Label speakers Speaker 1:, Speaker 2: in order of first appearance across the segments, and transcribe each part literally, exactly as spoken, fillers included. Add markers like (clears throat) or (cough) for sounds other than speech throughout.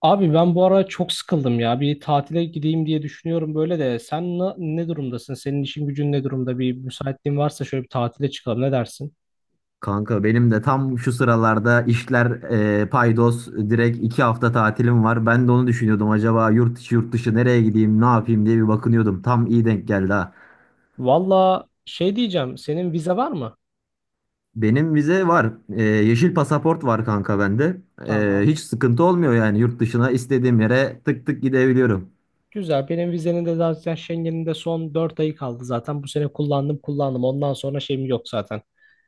Speaker 1: Abi ben bu ara çok sıkıldım ya. Bir tatile gideyim diye düşünüyorum böyle de. Sen na- ne durumdasın? Senin işin gücün ne durumda? Bir müsaitliğin varsa şöyle bir tatile çıkalım. Ne dersin?
Speaker 2: Kanka benim de tam şu sıralarda işler e, paydos direkt iki hafta tatilim var. Ben de onu düşünüyordum, acaba yurt içi yurt dışı nereye gideyim, ne yapayım diye bir bakınıyordum. Tam iyi denk geldi ha.
Speaker 1: Valla şey diyeceğim. Senin vize var mı?
Speaker 2: Benim vize var. E, yeşil pasaport var kanka bende. E,
Speaker 1: Tamam.
Speaker 2: hiç sıkıntı olmuyor, yani yurt dışına istediğim yere tık tık gidebiliyorum.
Speaker 1: Güzel. Benim vizenin de zaten Schengen'in de son dört ayı kaldı zaten. Bu sene kullandım kullandım. Ondan sonra şeyim yok zaten.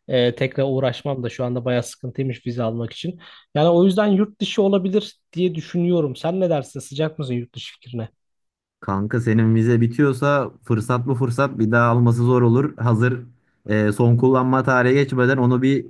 Speaker 1: Ee, tekrar uğraşmam da şu anda bayağı sıkıntıymış vize almak için. Yani o yüzden yurt dışı olabilir diye düşünüyorum. Sen ne dersin? Sıcak mısın yurt dışı fikrine?
Speaker 2: Kanka senin vize bitiyorsa fırsat bu fırsat, bir daha alması zor olur. Hazır e, son kullanma tarihi geçmeden onu bir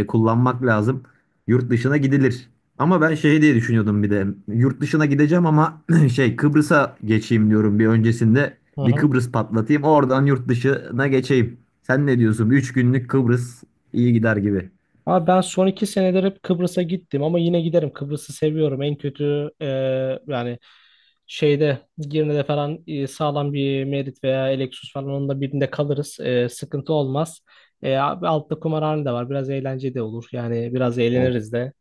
Speaker 2: e, kullanmak lazım. Yurt dışına gidilir. Ama ben şey diye düşünüyordum bir de. Yurt dışına gideceğim ama (clears throat) şey, Kıbrıs'a geçeyim diyorum bir öncesinde.
Speaker 1: Hı
Speaker 2: Bir
Speaker 1: hı.
Speaker 2: Kıbrıs patlatayım, oradan yurt dışına geçeyim. Sen ne diyorsun? Üç günlük Kıbrıs iyi gider gibi.
Speaker 1: Abi ben son iki senedir hep Kıbrıs'a gittim ama yine giderim. Kıbrıs'ı seviyorum. En kötü e, yani şeyde Girne'de falan e, sağlam bir Merit veya Lexus falan onun da birinde kalırız. E, sıkıntı olmaz. E, abi altta kumarhane de var. Biraz eğlence de olur. Yani biraz
Speaker 2: Of.
Speaker 1: eğleniriz de.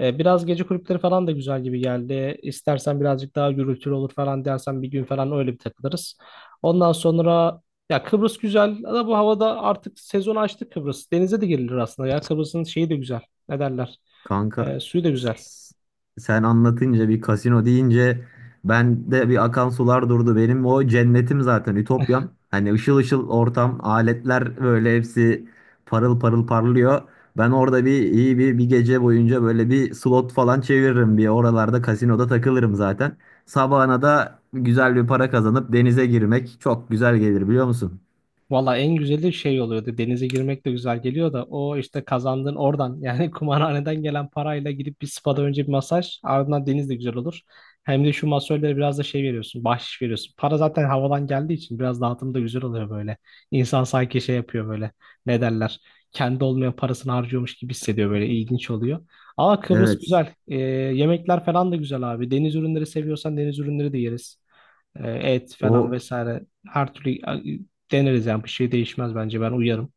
Speaker 1: E, biraz gece kulüpleri falan da güzel gibi geldi. İstersen birazcık daha gürültülü olur falan dersen bir gün falan öyle bir takılırız. Ondan sonra ya Kıbrıs güzel ama bu havada artık sezon açtı Kıbrıs. Denize de girilir aslında ya. Kıbrıs'ın şeyi de güzel. Ne derler?
Speaker 2: Kanka,
Speaker 1: Ee, suyu da
Speaker 2: s-
Speaker 1: güzel.
Speaker 2: s- sen anlatınca, bir kasino deyince, ben de bir akan sular durdu. Benim o cennetim zaten, ütopyam. Hani ışıl ışıl ortam, aletler böyle hepsi parıl parıl parlıyor. Ben orada bir iyi bir bir gece boyunca böyle bir slot falan çeviririm, bir oralarda kasinoda takılırım zaten. Sabahına da güzel bir para kazanıp denize girmek çok güzel gelir, biliyor musun?
Speaker 1: Valla en güzeli şey oluyordu. Denize girmek de güzel geliyor da o işte kazandığın oradan yani (laughs) kumarhaneden gelen parayla gidip bir spada önce bir masaj ardından deniz de güzel olur. Hem de şu masörlere biraz da şey veriyorsun, bahşiş veriyorsun. Para zaten havadan geldiği için biraz dağıtım da güzel oluyor böyle. İnsan sanki şey yapıyor böyle ne derler kendi olmayan parasını harcıyormuş gibi hissediyor böyle ilginç oluyor. Ama Kıbrıs, Evet.
Speaker 2: Evet.
Speaker 1: güzel. Ee, yemekler falan da güzel abi. Deniz ürünleri seviyorsan deniz ürünleri de yeriz. E, et falan
Speaker 2: O
Speaker 1: vesaire her türlü e, deneriz yani bir şey değişmez bence ben uyarım.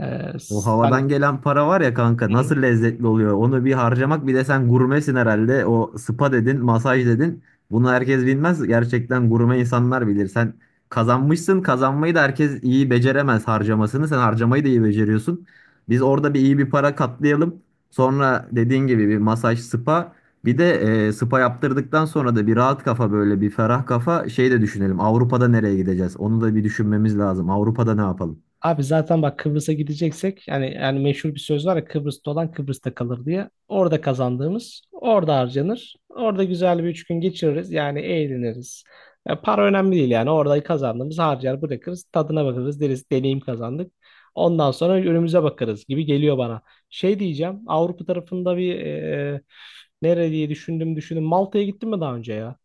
Speaker 1: E,
Speaker 2: O
Speaker 1: sen.
Speaker 2: havadan gelen para var ya kanka,
Speaker 1: Hı hı.
Speaker 2: nasıl lezzetli oluyor. Onu bir harcamak, bir de sen gurmesin herhalde. O spa dedin, masaj dedin. Bunu herkes bilmez. Gerçekten gurme insanlar bilir. Sen kazanmışsın. Kazanmayı da herkes iyi beceremez, harcamasını. Sen harcamayı da iyi beceriyorsun. Biz orada bir iyi bir para katlayalım. Sonra dediğin gibi bir masaj, spa. Bir de e, spa yaptırdıktan sonra da bir rahat kafa, böyle bir ferah kafa şey de düşünelim. Avrupa'da nereye gideceğiz? Onu da bir düşünmemiz lazım. Avrupa'da ne yapalım?
Speaker 1: Abi zaten bak Kıbrıs'a gideceksek yani yani meşhur bir söz var ya Kıbrıs'ta olan Kıbrıs'ta kalır diye. Orada kazandığımız orada harcanır. Orada güzel bir üç gün geçiririz. Yani eğleniriz. Ya para önemli değil yani. Orada kazandığımız harcar bırakırız. Tadına bakarız deriz deneyim kazandık. Ondan sonra önümüze bakarız gibi geliyor bana. Şey diyeceğim Avrupa tarafında bir e, nere diye düşündüm düşündüm. Malta'ya gittin mi daha önce ya?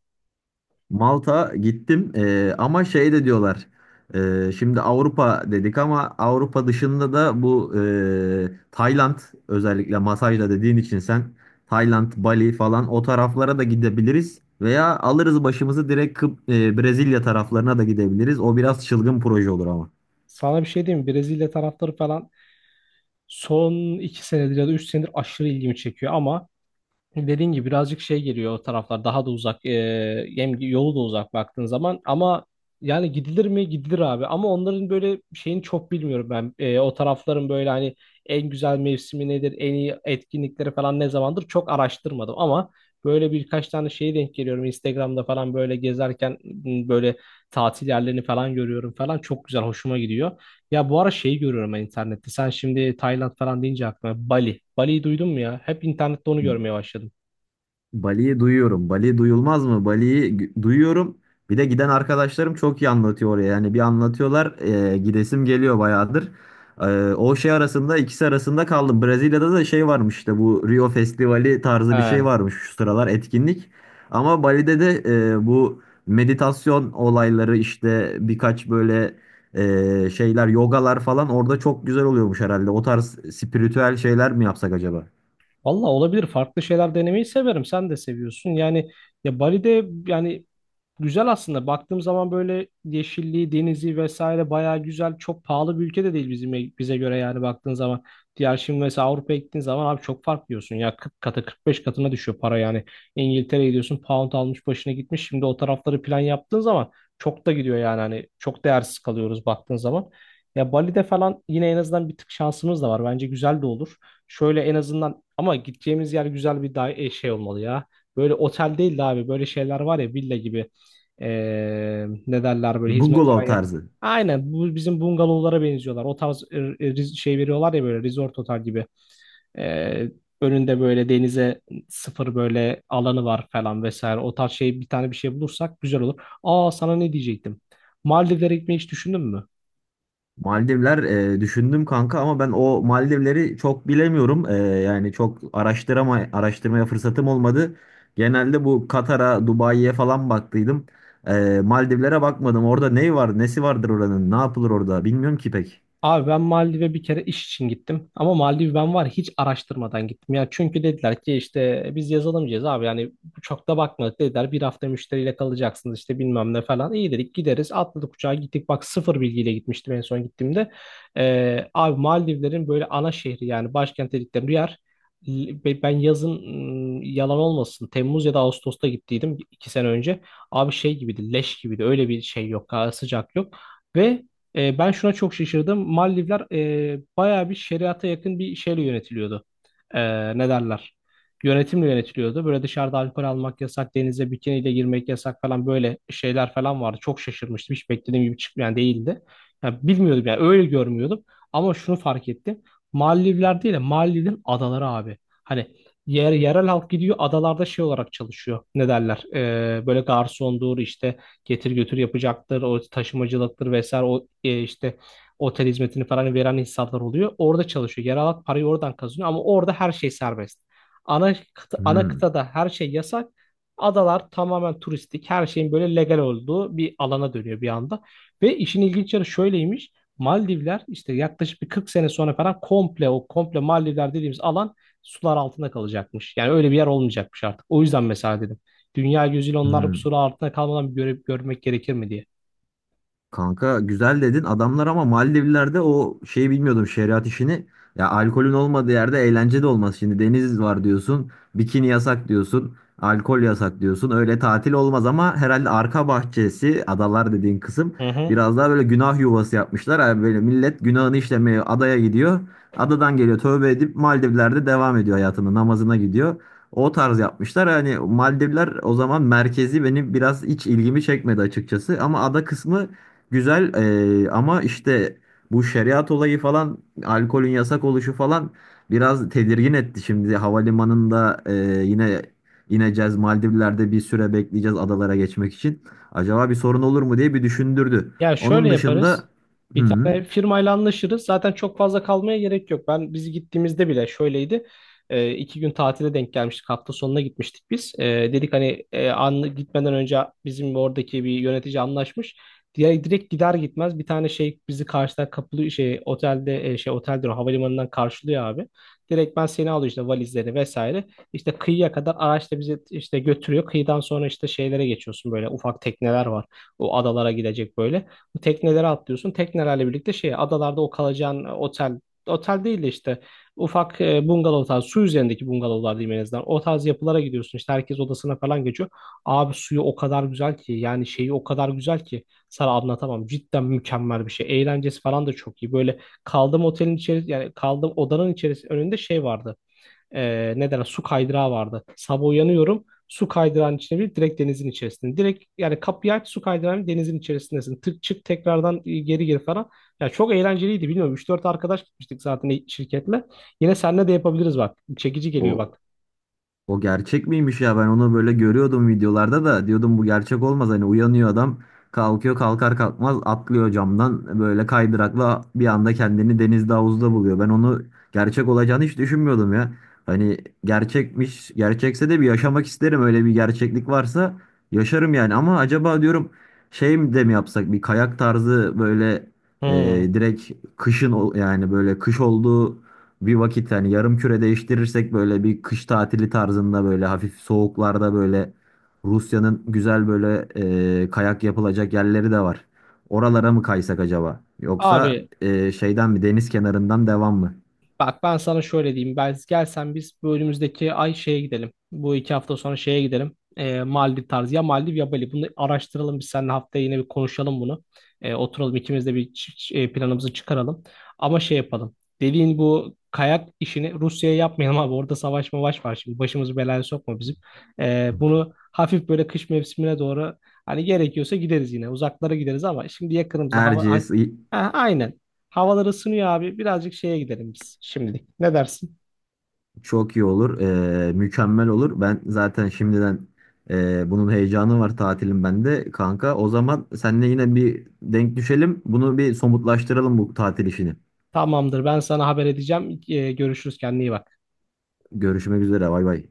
Speaker 2: Malta gittim. Ee, ama şey de diyorlar. Ee, şimdi Avrupa dedik ama Avrupa dışında da bu e, Tayland, özellikle masajla dediğin için sen. Tayland, Bali falan, o taraflara da gidebiliriz veya alırız başımızı direkt Kıbrıs- e, Brezilya taraflarına da gidebiliriz. O biraz çılgın proje olur ama.
Speaker 1: Sana bir şey diyeyim mi? Brezilya tarafları falan son iki senedir ya da üç senedir aşırı ilgimi çekiyor ama dediğin gibi birazcık şey geliyor o taraflar daha da uzak e, hem yolu da uzak baktığın zaman ama yani gidilir mi gidilir abi ama onların böyle şeyini çok bilmiyorum ben E, O tarafların böyle hani en güzel mevsimi nedir en iyi etkinlikleri falan ne zamandır çok araştırmadım ama böyle birkaç tane şeye denk geliyorum Instagram'da falan böyle gezerken m, böyle tatil yerlerini falan görüyorum falan çok güzel hoşuma gidiyor. Ya bu ara şeyi görüyorum ben internette. Sen şimdi Tayland falan deyince aklıma Bali. Bali'yi duydun mu ya? Hep internette onu görmeye başladım.
Speaker 2: Bali'yi duyuyorum. Bali duyulmaz mı? Bali'yi gü- duyuyorum. Bir de giden arkadaşlarım çok iyi anlatıyor oraya. Yani bir anlatıyorlar, e, gidesim geliyor bayağıdır. E, o şey arasında, ikisi arasında kaldım. Brezilya'da da şey varmış, işte bu Rio Festivali tarzı bir şey
Speaker 1: He.
Speaker 2: varmış şu sıralar etkinlik. Ama Bali'de de e, bu meditasyon olayları, işte birkaç böyle e, şeyler, yogalar falan orada çok güzel oluyormuş herhalde. O tarz spiritüel şeyler mi yapsak acaba?
Speaker 1: Valla olabilir. Farklı şeyler denemeyi severim. Sen de seviyorsun. Yani ya Bali'de yani güzel aslında. Baktığım zaman böyle yeşilliği, denizi vesaire bayağı güzel. Çok pahalı bir ülke de değil bizim bize göre yani baktığın zaman. Diğer şimdi mesela Avrupa'ya gittiğin zaman abi çok fark diyorsun. Ya kırk katı kırk beş katına düşüyor para yani. İngiltere'ye gidiyorsun pound almış başına gitmiş. Şimdi o tarafları plan yaptığın zaman çok da gidiyor yani hani çok değersiz kalıyoruz baktığın zaman. Ya Bali'de falan yine en azından bir tık şansımız da var. Bence güzel de olur. Şöyle en azından ama gideceğimiz yer güzel bir da- e, şey olmalı ya. Böyle otel değil de abi böyle şeyler var ya villa gibi. Ee, ne derler böyle hizmet
Speaker 2: Bungalow
Speaker 1: veren ya-.
Speaker 2: tarzı.
Speaker 1: Aynen bu bizim bungalovlara benziyorlar. O tarz e, e, riz- şey veriyorlar ya böyle resort otel gibi. Ee, Önünde böyle denize sıfır böyle alanı var falan vesaire. O tarz şey bir tane bir şey bulursak güzel olur. Aa sana ne diyecektim? Maldivlere gitmeyi hiç düşündün mü?
Speaker 2: Maldivler e, düşündüm kanka ama ben o Maldivleri çok bilemiyorum. E, yani çok araştırama araştırmaya fırsatım olmadı. Genelde bu Katar'a, Dubai'ye falan baktıydım. E, Maldivlere bakmadım. Orada ne var, nesi vardır oranın? Ne yapılır orada? Bilmiyorum ki pek.
Speaker 1: Abi ben Maldiv'e bir kere iş için gittim. Ama Maldiv ben var ya hiç araştırmadan gittim. Ya çünkü dediler ki işte biz yazılımcıyız abi yani çok da bakmadık dediler. Bir hafta müşteriyle kalacaksınız işte bilmem ne falan. İyi dedik gideriz atladık uçağa gittik. Bak sıfır bilgiyle gitmiştim en son gittiğimde. Ee, abi Maldivlerin böyle ana şehri yani başkent dedikleri bir yer. Ve ben yazın ım, yalan olmasın Temmuz ya da Ağustos'ta gittiydim iki sene önce. Abi şey gibiydi leş gibiydi öyle bir şey yok ha, sıcak yok. Ve e, ben şuna çok şaşırdım. Maldivler e, bayağı bir şeriata yakın bir şeyle yönetiliyordu. E, Ne derler? Yönetimle yönetiliyordu. Böyle dışarıda alkol almak yasak, denize bikiniyle girmek yasak falan böyle şeyler falan vardı. Çok şaşırmıştım. Hiç beklediğim gibi çıkmayan değildi. Yani bilmiyordum yani öyle görmüyordum. Ama şunu fark ettim. Maldivler değil de Maldivlerin adaları abi. Hani yer, yerel halk gidiyor adalarda şey olarak çalışıyor. Ne derler? E, böyle garsondur işte getir götür yapacaktır, o taşımacılıktır vesaire o e, işte otel hizmetini falan veren insanlar oluyor. Orada çalışıyor. Yer alan parayı oradan kazanıyor ama orada her şey serbest. Ana kıta, ana
Speaker 2: Hmm,
Speaker 1: kıtada her şey yasak. Adalar tamamen turistik, her şeyin böyle legal olduğu bir alana dönüyor bir anda. Ve işin ilginç yanı şöyleymiş. Maldivler işte yaklaşık bir kırk sene sonra falan komple o komple Maldivler dediğimiz alan sular altında kalacakmış. Yani öyle bir yer olmayacakmış artık. O yüzden mesela dedim. Dünya gözüyle onlar bu
Speaker 2: hmm.
Speaker 1: soru altında kalmadan bir göre- görmek gerekir mi diye.
Speaker 2: Kanka güzel dedin adamlar ama Maldivler'de o şeyi bilmiyordum, şeriat işini. Ya alkolün olmadığı yerde eğlence de olmaz. Şimdi deniz var diyorsun, bikini yasak diyorsun, alkol yasak diyorsun. Öyle tatil olmaz, ama herhalde arka bahçesi, adalar dediğin kısım,
Speaker 1: Hı hı.
Speaker 2: biraz daha böyle günah yuvası yapmışlar. Yani böyle millet günahını işlemeye adaya gidiyor. Adadan geliyor tövbe edip Maldivler'de devam ediyor hayatına, namazına gidiyor. O tarz yapmışlar. Yani Maldivler o zaman, merkezi benim biraz hiç ilgimi çekmedi açıkçası. Ama ada kısmı güzel eee, ama işte bu şeriat olayı falan, alkolün yasak oluşu falan biraz tedirgin etti. Şimdi havalimanında eee, yine ineceğiz, Maldivler'de bir süre bekleyeceğiz adalara geçmek için. Acaba bir sorun olur mu diye bir düşündürdü.
Speaker 1: Ya şöyle
Speaker 2: Onun dışında
Speaker 1: yaparız. Bir
Speaker 2: hı.
Speaker 1: tane firmayla anlaşırız. Zaten çok fazla kalmaya gerek yok. Ben biz gittiğimizde bile şöyleydi. E, iki gün tatile denk gelmiştik. Hafta sonuna gitmiştik biz. E, dedik hani e, an, gitmeden önce bizim oradaki bir yönetici anlaşmış. Diye direkt gider gitmez bir tane şey bizi karşıdan kapılı şey otelde e, şey oteldir o, havalimanından karşılıyor abi. Direkt ben seni alıyor işte valizleri vesaire. İşte kıyıya kadar araçla bizi işte götürüyor. Kıyıdan sonra işte şeylere geçiyorsun böyle ufak tekneler var o adalara gidecek böyle. Bu teknelere atlıyorsun. Teknelerle birlikte şey adalarda o kalacağın e, otel otel değil de işte ufak e, bungalov tarzı su üzerindeki bungalovlar diyeyim en azından. O tarz yapılara gidiyorsun. İşte herkes odasına falan geçiyor. Abi suyu o kadar güzel ki yani şeyi o kadar güzel ki sana anlatamam. Cidden mükemmel bir şey. Eğlencesi falan da çok iyi. Böyle kaldığım otelin içeri yani kaldığım odanın içerisinde önünde şey vardı e, ne derler su kaydırağı vardı. Sabah uyanıyorum su kaydırağın içine bir direkt denizin içerisinde. Direkt yani kapıyı aç su kaydırağın denizin içerisindesin. Tık çık tekrardan e, geri gir falan. Ya çok eğlenceliydi bilmiyorum üç dört arkadaş gitmiştik zaten şirketle. Yine seninle de yapabiliriz bak. Çekici geliyor
Speaker 2: o
Speaker 1: bak.
Speaker 2: O gerçek miymiş ya, ben onu böyle görüyordum videolarda, da diyordum bu gerçek olmaz, hani uyanıyor adam, kalkıyor, kalkar kalkmaz atlıyor camdan böyle kaydırakla, bir anda kendini denizde, havuzda buluyor. Ben onu gerçek olacağını hiç düşünmüyordum ya. Hani gerçekmiş, gerçekse de bir yaşamak isterim, öyle bir gerçeklik varsa yaşarım yani. Ama acaba diyorum şey mi de mi yapsak, bir kayak tarzı böyle e,
Speaker 1: Hmm.
Speaker 2: direkt kışın, ol- yani böyle kış olduğu bir vakit, hani yarım küre değiştirirsek böyle bir kış tatili tarzında, böyle hafif soğuklarda böyle Rusya'nın güzel böyle e, kayak yapılacak yerleri de var. Oralara mı kaysak acaba? Yoksa
Speaker 1: Abi
Speaker 2: e, şeyden mi, deniz kenarından devam mı?
Speaker 1: bak ben sana şöyle diyeyim. Ben gelsen biz bu önümüzdeki ay şeye gidelim. Bu iki hafta sonra şeye gidelim. Ee, Maldiv tarzı. Ya Maldiv ya Bali. Bunu araştıralım biz seninle haftaya yine bir konuşalım bunu. Ee, oturalım ikimiz de bir ç- ç- e, planımızı çıkaralım. Ama şey yapalım. Dediğin bu kayak işini Rusya'ya yapmayalım abi. Orada savaş mavaş var şimdi. Başımızı belaya sokma bizim. Ee, bunu hafif böyle kış mevsimine doğru hani gerekiyorsa gideriz yine. Uzaklara gideriz ama şimdi yakınımızda hava...
Speaker 2: Erciyes i-
Speaker 1: Ha, aynen. Havalar ısınıyor abi. Birazcık şeye gidelim biz şimdilik. Ne dersin?
Speaker 2: çok iyi olur. E, mükemmel olur. Ben zaten şimdiden e, bunun heyecanı var, tatilim bende kanka. O zaman seninle yine bir denk düşelim. Bunu bir somutlaştıralım, bu tatil işini.
Speaker 1: Tamamdır. Ben sana haber edeceğim. Ee, görüşürüz. Kendine iyi bak.
Speaker 2: Görüşmek üzere. Bay bay.